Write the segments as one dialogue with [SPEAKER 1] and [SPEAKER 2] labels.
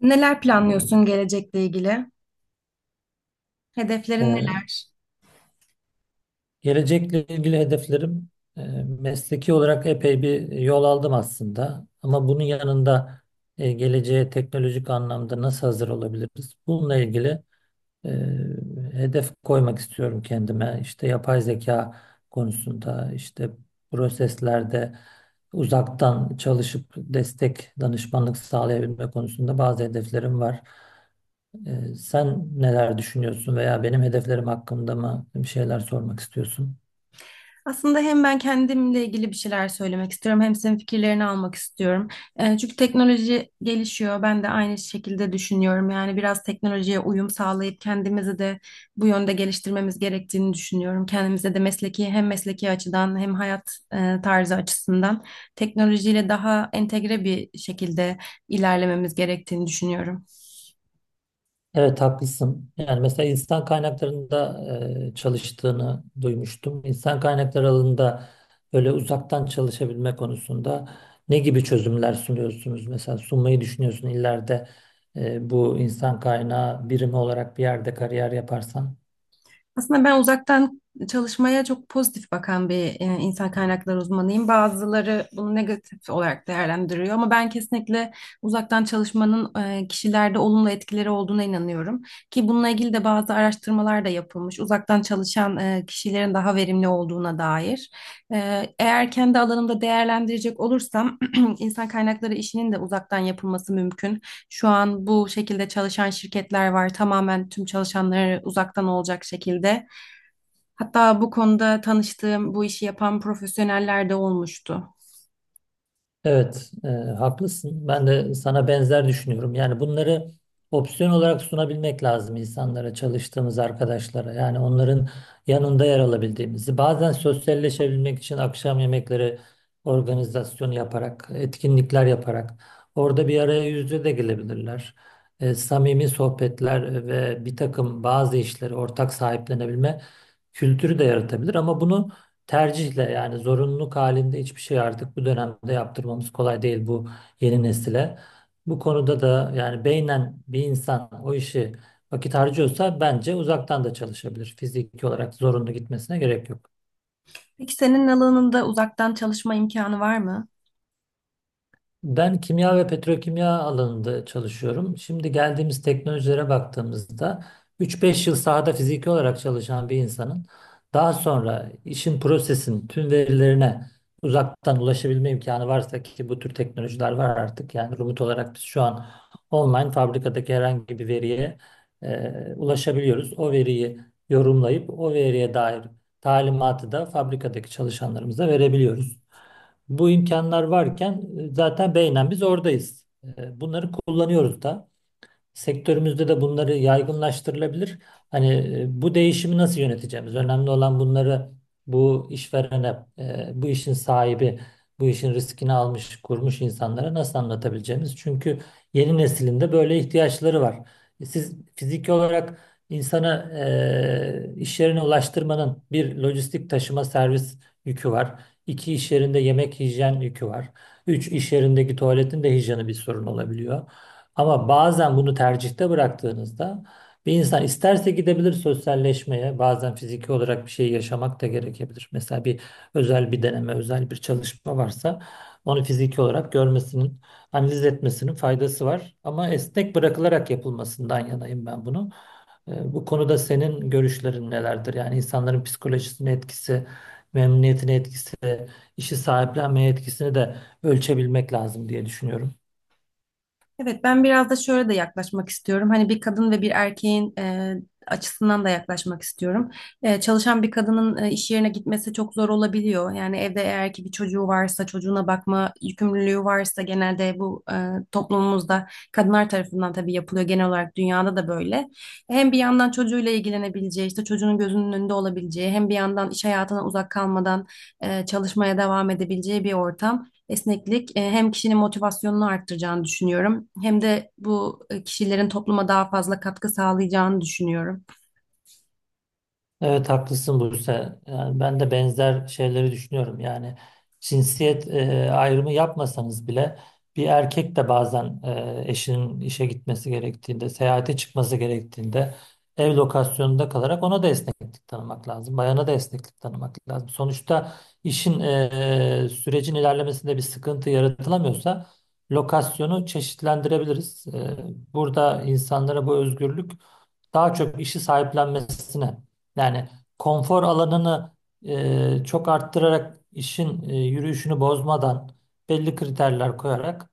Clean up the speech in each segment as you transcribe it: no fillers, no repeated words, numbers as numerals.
[SPEAKER 1] Neler planlıyorsun gelecekle ilgili? Hedeflerin
[SPEAKER 2] Ee,
[SPEAKER 1] neler?
[SPEAKER 2] gelecekle ilgili hedeflerim, e, mesleki olarak epey bir yol aldım aslında. Ama bunun yanında geleceğe teknolojik anlamda nasıl hazır olabiliriz? Bununla ilgili e, hedef koymak istiyorum kendime. İşte yapay zeka konusunda, işte proseslerde uzaktan çalışıp destek, danışmanlık sağlayabilme konusunda bazı hedeflerim var. Sen neler düşünüyorsun veya benim hedeflerim hakkında mı bir şeyler sormak istiyorsun?
[SPEAKER 1] Aslında hem ben kendimle ilgili bir şeyler söylemek istiyorum, hem senin fikirlerini almak istiyorum. Çünkü teknoloji gelişiyor. Ben de aynı şekilde düşünüyorum. Yani biraz teknolojiye uyum sağlayıp kendimizi de bu yönde geliştirmemiz gerektiğini düşünüyorum. Kendimize de mesleki hem mesleki açıdan hem hayat tarzı açısından teknolojiyle daha entegre bir şekilde ilerlememiz gerektiğini düşünüyorum.
[SPEAKER 2] Evet, haklısın. Yani mesela insan kaynaklarında çalıştığını duymuştum. İnsan kaynakları alanında böyle uzaktan çalışabilme konusunda ne gibi çözümler sunuyorsunuz? Mesela sunmayı düşünüyorsun ileride bu insan kaynağı birimi olarak bir yerde kariyer yaparsan.
[SPEAKER 1] Aslında ben uzaktan çalışmaya çok pozitif bakan bir insan kaynakları uzmanıyım. Bazıları bunu negatif olarak değerlendiriyor ama ben kesinlikle uzaktan çalışmanın kişilerde olumlu etkileri olduğuna inanıyorum. Ki bununla ilgili de bazı araştırmalar da yapılmış. Uzaktan çalışan kişilerin daha verimli olduğuna dair. Eğer kendi alanımda değerlendirecek olursam insan kaynakları işinin de uzaktan yapılması mümkün. Şu an bu şekilde çalışan şirketler var. Tamamen tüm çalışanları uzaktan olacak şekilde. Hatta bu konuda tanıştığım bu işi yapan profesyoneller de olmuştu.
[SPEAKER 2] Evet, haklısın. Ben de sana benzer düşünüyorum. Yani bunları opsiyon olarak sunabilmek lazım insanlara, çalıştığımız arkadaşlara. Yani onların yanında yer alabildiğimizi. Bazen sosyalleşebilmek için akşam yemekleri organizasyonu yaparak, etkinlikler yaparak orada bir araya yüz yüze de gelebilirler. Samimi sohbetler ve bir takım bazı işleri ortak sahiplenebilme kültürü de yaratabilir. Ama bunu tercihle, yani zorunluluk halinde hiçbir şey artık bu dönemde yaptırmamız kolay değil bu yeni nesile. Bu konuda da yani beynen bir insan o işi vakit harcıyorsa bence uzaktan da çalışabilir. Fiziki olarak zorunlu gitmesine gerek yok.
[SPEAKER 1] Peki senin alanında uzaktan çalışma imkanı var mı?
[SPEAKER 2] Ben kimya ve petrokimya alanında çalışıyorum. Şimdi geldiğimiz teknolojilere baktığımızda 3-5 yıl sahada fiziki olarak çalışan bir insanın daha sonra işin, prosesin tüm verilerine uzaktan ulaşabilme imkanı varsa, ki bu tür teknolojiler var artık. Yani remote olarak biz şu an online fabrikadaki herhangi bir veriye ulaşabiliyoruz. O veriyi yorumlayıp o veriye dair talimatı da fabrikadaki çalışanlarımıza verebiliyoruz. Bu imkanlar varken zaten beynen biz oradayız. Bunları kullanıyoruz da. Sektörümüzde de bunları yaygınlaştırılabilir. Hani bu değişimi nasıl yöneteceğimiz? Önemli olan bunları bu işverene, bu işin sahibi, bu işin riskini almış, kurmuş insanlara nasıl anlatabileceğimiz? Çünkü yeni neslinde böyle ihtiyaçları var. Siz fiziki olarak insana, iş yerine ulaştırmanın bir lojistik taşıma servis yükü var. İki, iş yerinde yemek hijyen yükü var. Üç, iş yerindeki tuvaletin de hijyeni bir sorun olabiliyor. Ama bazen bunu tercihte bıraktığınızda bir insan isterse gidebilir sosyalleşmeye, bazen fiziki olarak bir şey yaşamak da gerekebilir. Mesela bir özel bir deneme, özel bir çalışma varsa onu fiziki olarak görmesinin, analiz etmesinin faydası var. Ama esnek bırakılarak yapılmasından yanayım ben bunu. Bu konuda senin görüşlerin nelerdir? Yani insanların psikolojisine etkisi, memnuniyetine etkisi, işi sahiplenmeye etkisini de ölçebilmek lazım diye düşünüyorum.
[SPEAKER 1] Evet, ben biraz da şöyle de yaklaşmak istiyorum. Hani bir kadın ve bir erkeğin açısından da yaklaşmak istiyorum. Çalışan bir kadının iş yerine gitmesi çok zor olabiliyor. Yani evde eğer ki bir çocuğu varsa, çocuğuna bakma yükümlülüğü varsa genelde bu toplumumuzda kadınlar tarafından tabii yapılıyor. Genel olarak dünyada da böyle. Hem bir yandan çocuğuyla ilgilenebileceği, işte çocuğunun gözünün önünde olabileceği, hem bir yandan iş hayatına uzak kalmadan çalışmaya devam edebileceği bir ortam. Esneklik hem kişinin motivasyonunu arttıracağını düşünüyorum hem de bu kişilerin topluma daha fazla katkı sağlayacağını düşünüyorum.
[SPEAKER 2] Evet, haklısın Buse. Yani ben de benzer şeyleri düşünüyorum. Yani cinsiyet ayrımı yapmasanız bile bir erkek de bazen eşinin işe gitmesi gerektiğinde, seyahate çıkması gerektiğinde ev lokasyonunda kalarak ona da esneklik tanımak lazım. Bayana da esneklik tanımak lazım. Sonuçta işin, sürecin ilerlemesinde bir sıkıntı yaratılamıyorsa lokasyonu çeşitlendirebiliriz. Burada insanlara bu özgürlük daha çok işi sahiplenmesine, yani konfor alanını çok arttırarak işin yürüyüşünü bozmadan belli kriterler koyarak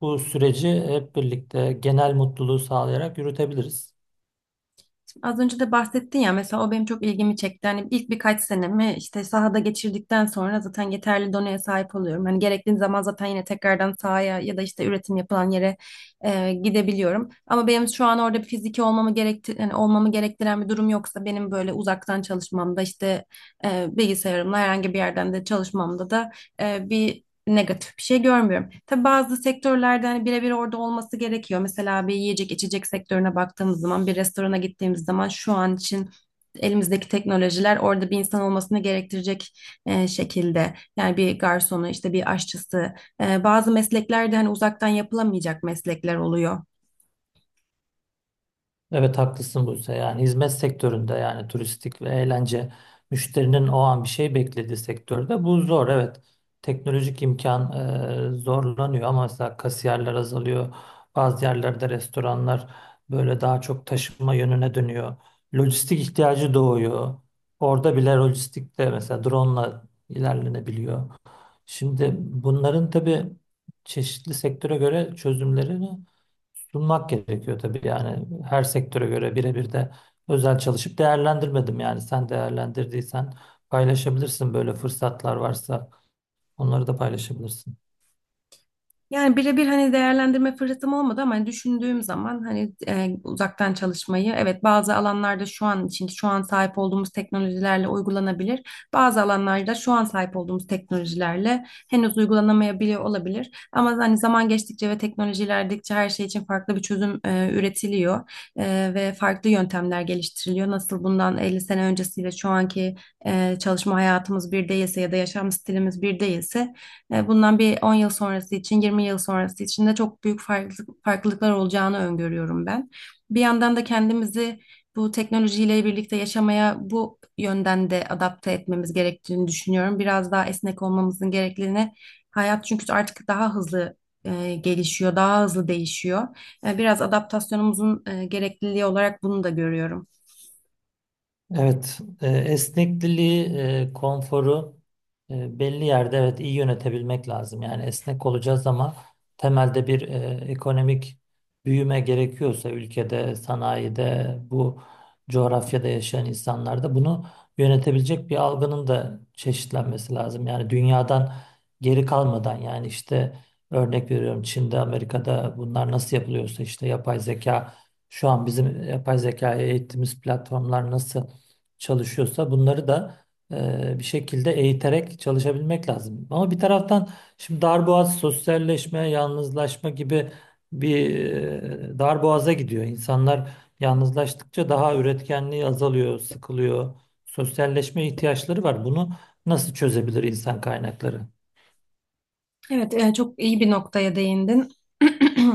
[SPEAKER 2] bu süreci hep birlikte, genel mutluluğu sağlayarak yürütebiliriz.
[SPEAKER 1] Şimdi az önce de bahsettin ya mesela o benim çok ilgimi çekti. Hani ilk birkaç senemi işte sahada geçirdikten sonra zaten yeterli donaya sahip oluyorum. Hani gerektiği zaman zaten yine tekrardan sahaya ya da işte üretim yapılan yere gidebiliyorum. Ama benim şu an orada bir fiziki olmamı gerekti yani olmamı gerektiren bir durum yoksa benim böyle uzaktan çalışmamda işte bilgisayarımla herhangi bir yerden de çalışmamda da bir negatif bir şey görmüyorum. Tabii bazı sektörlerde hani birebir orada olması gerekiyor. Mesela bir yiyecek içecek sektörüne baktığımız zaman bir restorana gittiğimiz zaman şu an için elimizdeki teknolojiler orada bir insan olmasını gerektirecek şekilde. Yani bir garsonu işte bir aşçısı bazı mesleklerde hani uzaktan yapılamayacak meslekler oluyor.
[SPEAKER 2] Evet, haklısın Buse. Yani hizmet sektöründe, yani turistik ve eğlence, müşterinin o an bir şey beklediği sektörde bu zor. Evet, teknolojik imkan zorlanıyor ama mesela kasiyerler azalıyor. Bazı yerlerde restoranlar böyle daha çok taşıma yönüne dönüyor. Lojistik ihtiyacı doğuyor. Orada bile lojistikte mesela drone'la ilerlenebiliyor. Şimdi bunların tabii çeşitli sektöre göre çözümlerini sunmak gerekiyor tabii, yani her sektöre göre birebir de özel çalışıp değerlendirmedim, yani sen değerlendirdiysen paylaşabilirsin, böyle fırsatlar varsa onları da paylaşabilirsin.
[SPEAKER 1] Yani birebir hani değerlendirme fırsatım olmadı ama hani düşündüğüm zaman hani uzaktan çalışmayı evet bazı alanlarda şu an için şu an sahip olduğumuz teknolojilerle uygulanabilir. Bazı alanlarda şu an sahip olduğumuz teknolojilerle henüz uygulanamayabiliyor olabilir. Ama hani zaman geçtikçe ve teknoloji ilerledikçe her şey için farklı bir çözüm üretiliyor. Ve farklı yöntemler geliştiriliyor. Nasıl bundan 50 sene öncesiyle şu anki çalışma hayatımız bir değilse ya da yaşam stilimiz bir değilse bundan bir 10 yıl sonrası için, 20 yıl sonrası için de çok büyük farklılıklar olacağını öngörüyorum ben. Bir yandan da kendimizi bu teknolojiyle birlikte yaşamaya bu yönden de adapte etmemiz gerektiğini düşünüyorum. Biraz daha esnek olmamızın gerekliliğine hayat çünkü artık daha hızlı gelişiyor, daha hızlı değişiyor. Biraz adaptasyonumuzun gerekliliği olarak bunu da görüyorum.
[SPEAKER 2] Evet, esnekliliği, konforu belli yerde evet iyi yönetebilmek lazım. Yani esnek olacağız ama temelde bir ekonomik büyüme gerekiyorsa ülkede, sanayide, bu coğrafyada yaşayan insanlarda bunu yönetebilecek bir algının da çeşitlenmesi lazım. Yani dünyadan geri kalmadan, yani işte örnek veriyorum Çin'de, Amerika'da bunlar nasıl yapılıyorsa, işte yapay zeka şu an bizim yapay zekaya eğittiğimiz platformlar nasıl çalışıyorsa bunları da bir şekilde eğiterek çalışabilmek lazım. Ama bir taraftan şimdi darboğaz, sosyalleşme, yalnızlaşma gibi bir darboğaza gidiyor. İnsanlar yalnızlaştıkça daha, üretkenliği azalıyor, sıkılıyor. Sosyalleşme ihtiyaçları var. Bunu nasıl çözebilir insan kaynakları?
[SPEAKER 1] Evet, çok iyi bir noktaya değindin.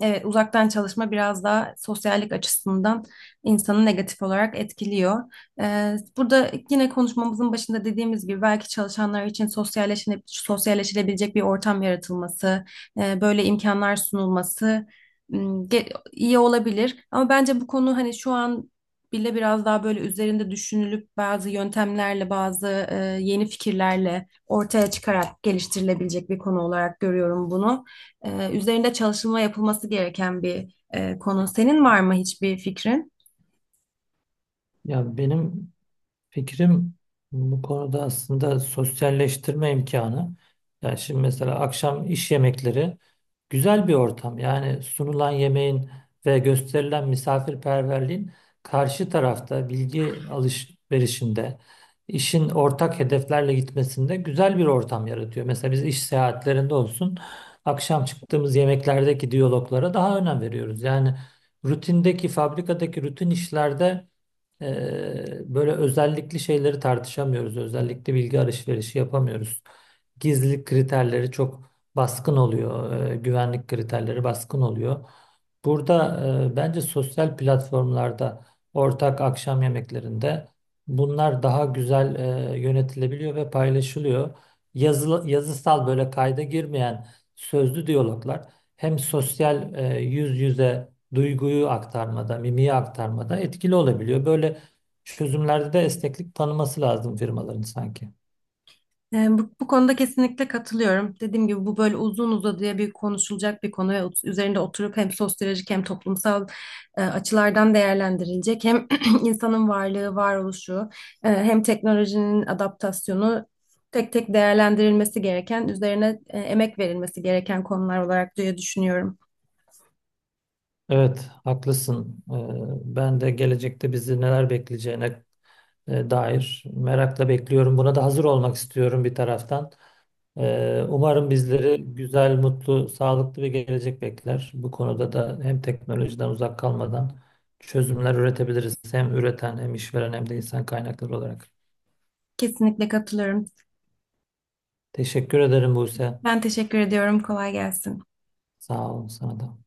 [SPEAKER 1] Evet, uzaktan çalışma biraz daha sosyallik açısından insanı negatif olarak etkiliyor. Burada yine konuşmamızın başında dediğimiz gibi belki çalışanlar için sosyalleşilebilecek bir ortam yaratılması, böyle imkanlar sunulması iyi olabilir. Ama bence bu konu hani şu an bile biraz daha böyle üzerinde düşünülüp bazı yöntemlerle, bazı yeni fikirlerle ortaya çıkarak geliştirilebilecek bir konu olarak görüyorum bunu. Üzerinde çalışılma yapılması gereken bir konu. Senin var mı hiçbir fikrin?
[SPEAKER 2] Ya benim fikrim bu konuda aslında sosyalleştirme imkanı. Yani şimdi mesela akşam iş yemekleri güzel bir ortam. Yani sunulan yemeğin ve gösterilen misafirperverliğin karşı tarafta bilgi alışverişinde, işin ortak hedeflerle gitmesinde güzel bir ortam yaratıyor. Mesela biz iş seyahatlerinde olsun, akşam çıktığımız yemeklerdeki diyaloglara daha önem veriyoruz. Yani rutindeki, fabrikadaki rutin işlerde böyle özellikli şeyleri tartışamıyoruz. Özellikli bilgi alışverişi yapamıyoruz. Gizlilik kriterleri çok baskın oluyor. Güvenlik kriterleri baskın oluyor. Burada bence sosyal platformlarda ortak akşam yemeklerinde bunlar daha güzel yönetilebiliyor ve paylaşılıyor. Yazılı, yazısal böyle kayda girmeyen sözlü diyaloglar hem sosyal yüz yüze duyguyu aktarmada, mimiği aktarmada etkili olabiliyor. Böyle çözümlerde de esneklik tanıması lazım firmaların sanki.
[SPEAKER 1] Yani bu konuda kesinlikle katılıyorum. Dediğim gibi bu böyle uzun uzadıya bir konuşulacak bir konu ve üzerinde oturup hem sosyolojik hem toplumsal açılardan değerlendirilecek. Hem insanın varlığı, varoluşu, hem teknolojinin adaptasyonu tek tek değerlendirilmesi gereken, üzerine emek verilmesi gereken konular olarak diye düşünüyorum.
[SPEAKER 2] Evet, haklısın. Ben de gelecekte bizi neler bekleyeceğine dair merakla bekliyorum. Buna da hazır olmak istiyorum bir taraftan. Umarım bizleri güzel, mutlu, sağlıklı bir gelecek bekler. Bu konuda da hem teknolojiden uzak kalmadan çözümler üretebiliriz. Hem üreten, hem işveren, hem de insan kaynakları olarak.
[SPEAKER 1] Kesinlikle katılıyorum.
[SPEAKER 2] Teşekkür ederim Buse.
[SPEAKER 1] Ben teşekkür ediyorum. Kolay gelsin.
[SPEAKER 2] Sağ olun sana da.